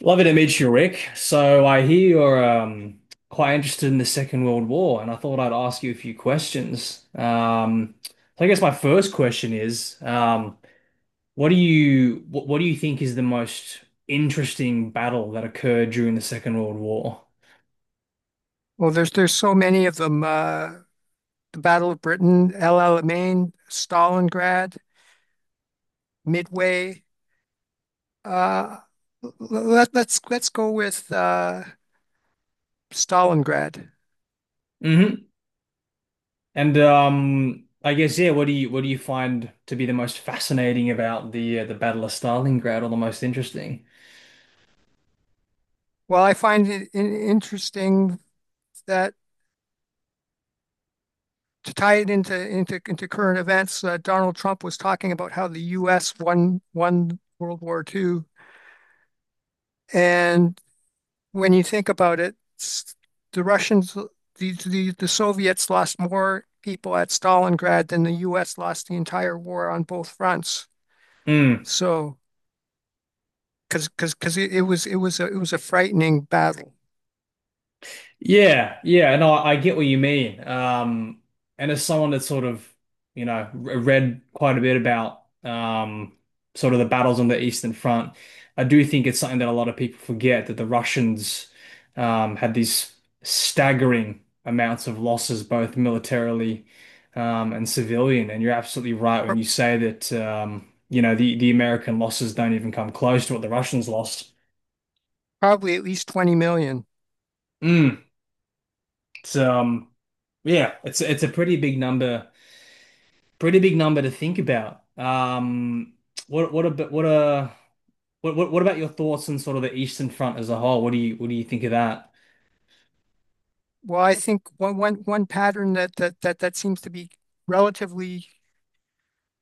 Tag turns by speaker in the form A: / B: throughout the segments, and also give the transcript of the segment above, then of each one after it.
A: Lovely to meet you, Rick. So I hear you're quite interested in the Second World War, and I thought I'd ask you a few questions. So I guess my first question is, what do you think is the most interesting battle that occurred during the Second World War?
B: Well, there's so many of them. The Battle of Britain, El Alamein, Stalingrad, Midway. Uh, let's go with Stalingrad.
A: Hmm. And I guess, yeah, what do you find to be the most fascinating about the Battle of Stalingrad, or the most interesting?
B: Well, I find it in interesting that to tie it into current events, Donald Trump was talking about how the U.S. won World War II, and when you think about it, the Russians, the Soviets lost more people at Stalingrad than the US lost the entire war on both fronts.
A: Hmm.
B: So, because it was it was a frightening battle.
A: Yeah, yeah, and I get what you mean. And as someone that's sort of, you know, read quite a bit about sort of the battles on the Eastern Front, I do think it's something that a lot of people forget that the Russians had these staggering amounts of losses, both militarily and civilian. And you're absolutely right when
B: Pro-
A: you say that, you know, the American losses don't even come close to what the Russians lost.
B: Probably at least 20 million.
A: Mm. It's yeah, it's a pretty big number. Pretty big number to think about. What about what about your thoughts on sort of the Eastern Front as a whole? What do you think of that?
B: Well, I think one pattern that seems to be relatively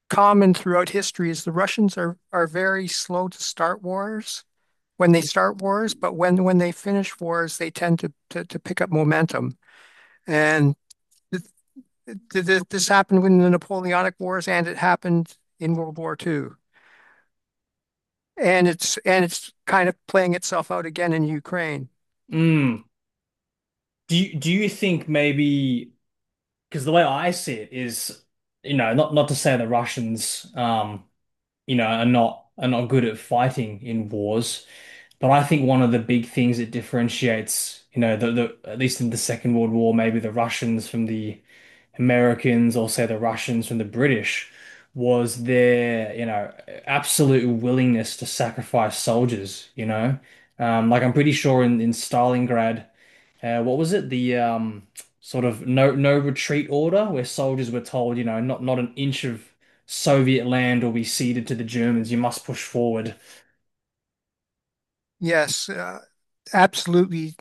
B: common throughout history is the Russians are very slow to start wars when they start wars, but when they finish wars, they tend to pick up momentum. And th this happened in the Napoleonic Wars, and it happened in World War Two. And it's kind of playing itself out again in Ukraine.
A: Mm. Do you think maybe, because the way I see it is, you know, not to say the Russians, you know, are not good at fighting in wars, but I think one of the big things that differentiates, you know, the at least in the Second World War, maybe the Russians from the Americans, or say the Russians from the British, was their, you know, absolute willingness to sacrifice soldiers, you know. Like I'm pretty sure in Stalingrad, what was it? The, sort of no retreat order where soldiers were told, you know, not an inch of Soviet land will be ceded to the Germans. You must push forward.
B: Yes, absolutely.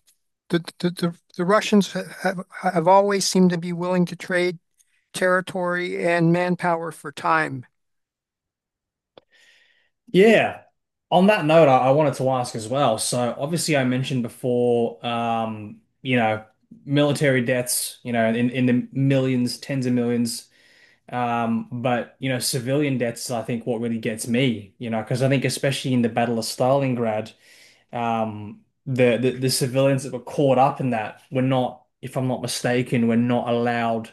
B: The Russians have always seemed to be willing to trade territory and manpower for time.
A: Yeah. On that note, I wanted to ask as well. So obviously I mentioned before, you know, military deaths, you know, in the millions, tens of millions. But you know, civilian deaths, I think what really gets me, you know, because I think especially in the Battle of Stalingrad, um, the civilians that were caught up in that were not, if I'm not mistaken, were not allowed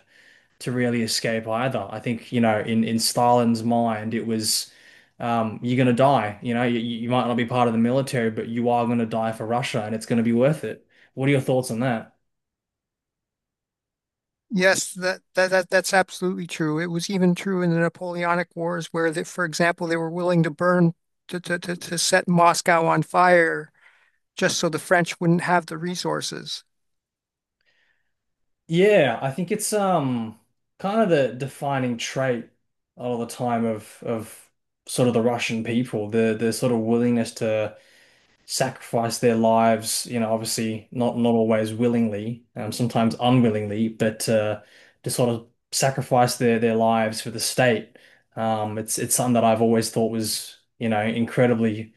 A: to really escape either. I think, you know, in Stalin's mind, it was, you're gonna die. You know, you might not be part of the military, but you are gonna die for Russia, and it's gonna be worth it. What are your thoughts on that?
B: Yes, that's absolutely true. It was even true in the Napoleonic Wars, where they, for example, they were willing to burn to, to set Moscow on fire just so the French wouldn't have the resources.
A: Yeah, I think it's kind of the defining trait a lot of the time of sort of the Russian people, the sort of willingness to sacrifice their lives, you know, obviously not always willingly, sometimes unwillingly, but to sort of sacrifice their lives for the state. It's something that I've always thought was, you know, incredibly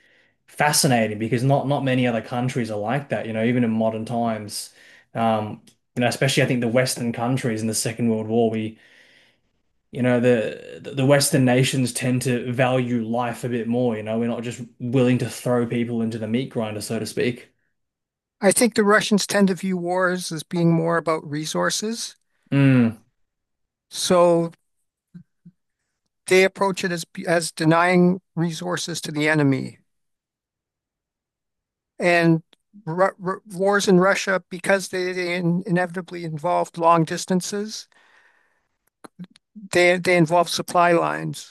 A: fascinating because not many other countries are like that, you know, even in modern times. Um, you know, especially I think the Western countries in the Second World War, we, you know, the Western nations tend to value life a bit more, you know, we're not just willing to throw people into the meat grinder, so to speak.
B: I think the Russians tend to view wars as being more about resources,
A: Mm,
B: so they approach it as denying resources to the enemy. And r r wars in Russia, because they in inevitably involved long distances, they involve supply lines,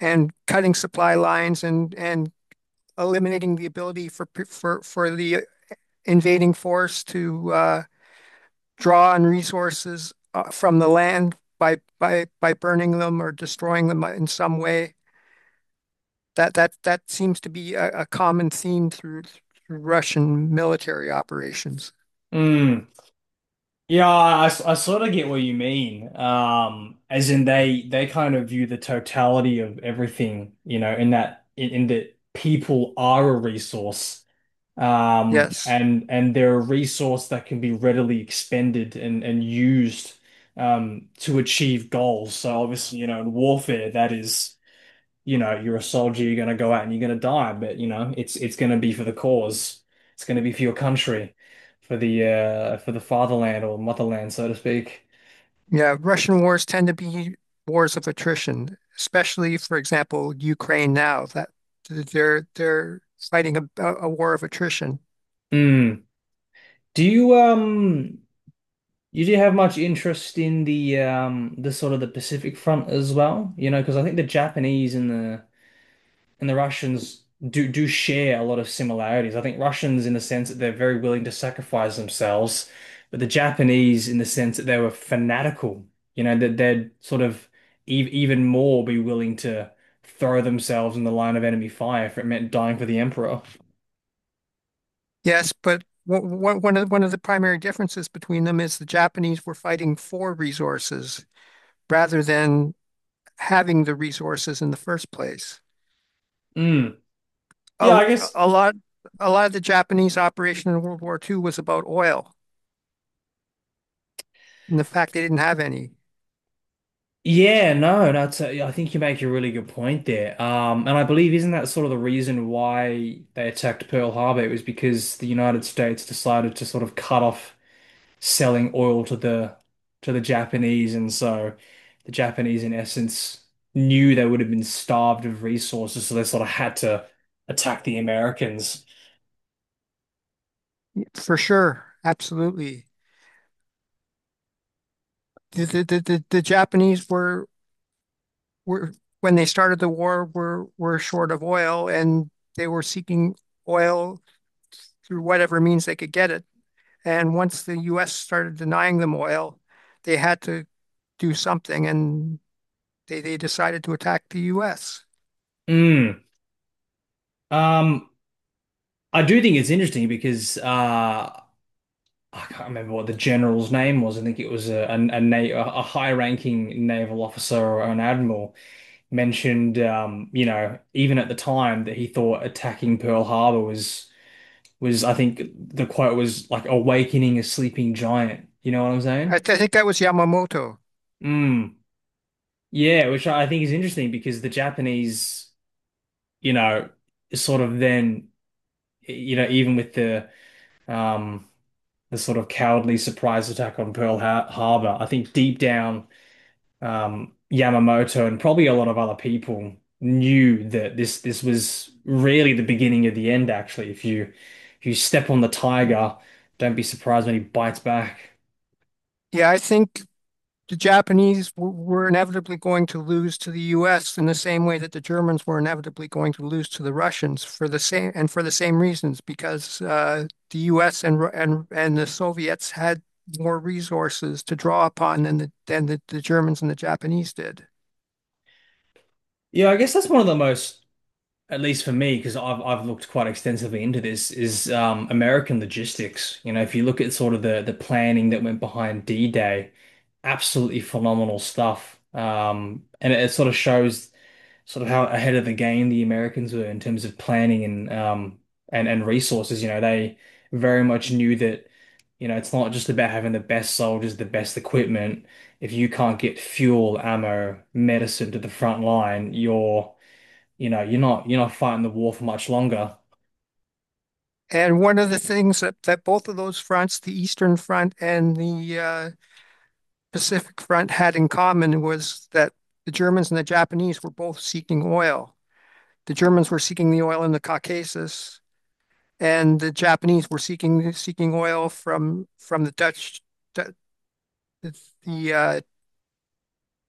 B: and cutting supply lines and eliminating the ability for the invading force to draw on resources from the land by, by burning them or destroying them in some way. That seems to be a common theme through, through Russian military operations.
A: mm. Yeah, I sort of get what you mean. As in they kind of view the totality of everything, you know, in that in that people are a resource,
B: Yes.
A: and they're a resource that can be readily expended and used, to achieve goals. So obviously, you know, in warfare, that is. You know, you're a soldier, you're gonna go out and you're gonna die, but you know, it's gonna be for the cause. It's gonna be for your country, for the fatherland or motherland, so to speak.
B: Yeah. Russian wars tend to be wars of attrition, especially, for example, Ukraine now, that they're fighting a war of attrition.
A: Hmm. Do you you do have much interest in the sort of the Pacific front as well? You know, because I think the Japanese and the Russians do share a lot of similarities. I think Russians in the sense that they're very willing to sacrifice themselves, but the Japanese in the sense that they were fanatical, you know, that they'd sort of ev even more be willing to throw themselves in the line of enemy fire if it meant dying for the emperor.
B: Yes, but one of the primary differences between them is the Japanese were fighting for resources rather than having the resources in the first place.
A: Mm. Yeah,
B: A,
A: I guess.
B: a lot, a lot of the Japanese operation in World War Two was about oil. And the fact they didn't have any.
A: Yeah, no, no, it's a, I think you make a really good point there. And I believe isn't that sort of the reason why they attacked Pearl Harbor? It was because the United States decided to sort of cut off selling oil to the Japanese, and so the Japanese, in essence, knew they would have been starved of resources, so they sort of had to attack the Americans.
B: Yeah, for sure, absolutely. The Japanese were when they started the war were short of oil and they were seeking oil through whatever means they could get it. And once the US started denying them oil, they had to do something, and they decided to attack the US.
A: Mm. Um, I do think it's interesting because I can't remember what the general's name was. I think it was a high-ranking naval officer or an admiral mentioned, you know, even at the time that he thought attacking Pearl Harbor was, I think the quote was like awakening a sleeping giant. You know what I'm saying?
B: I think that was Yamamoto.
A: Mm. Yeah, which I think is interesting because the Japanese, you know, sort of then, you know, even with um the sort of cowardly surprise attack on Pearl Har Harbor, I think deep down, Yamamoto and probably a lot of other people knew that this was really the beginning of the end, actually. If you, if you step on the tiger, don't be surprised when he bites back.
B: Yeah, I think the Japanese were inevitably going to lose to the US in the same way that the Germans were inevitably going to lose to the Russians for the same reasons because the US and the Soviets had more resources to draw upon than the, than the Germans and the Japanese did.
A: Yeah, I guess that's one of the most, at least for me, because I've looked quite extensively into this, is, American logistics. You know, if you look at sort of the planning that went behind D-Day, absolutely phenomenal stuff. And it sort of shows sort of how ahead of the game the Americans were in terms of planning and resources. You know, they very much knew that, you know, it's not just about having the best soldiers, the best equipment. If you can't get fuel, ammo, medicine to the front line, you're, you know, you're not fighting the war for much longer.
B: And one of the things that, that both of those fronts, the Eastern Front and the Pacific Front, had in common was that the Germans and the Japanese were both seeking oil. The Germans were seeking the oil in the Caucasus, and the Japanese were seeking seeking oil from the, uh,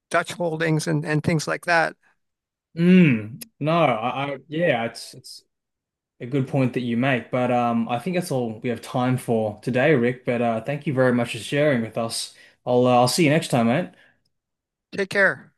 B: Dutch holdings, and things like that.
A: Mm, no, I yeah, it's a good point that you make, but I think that's all we have time for today, Rick. But thank you very much for sharing with us. I'll see you next time, mate.
B: Take care.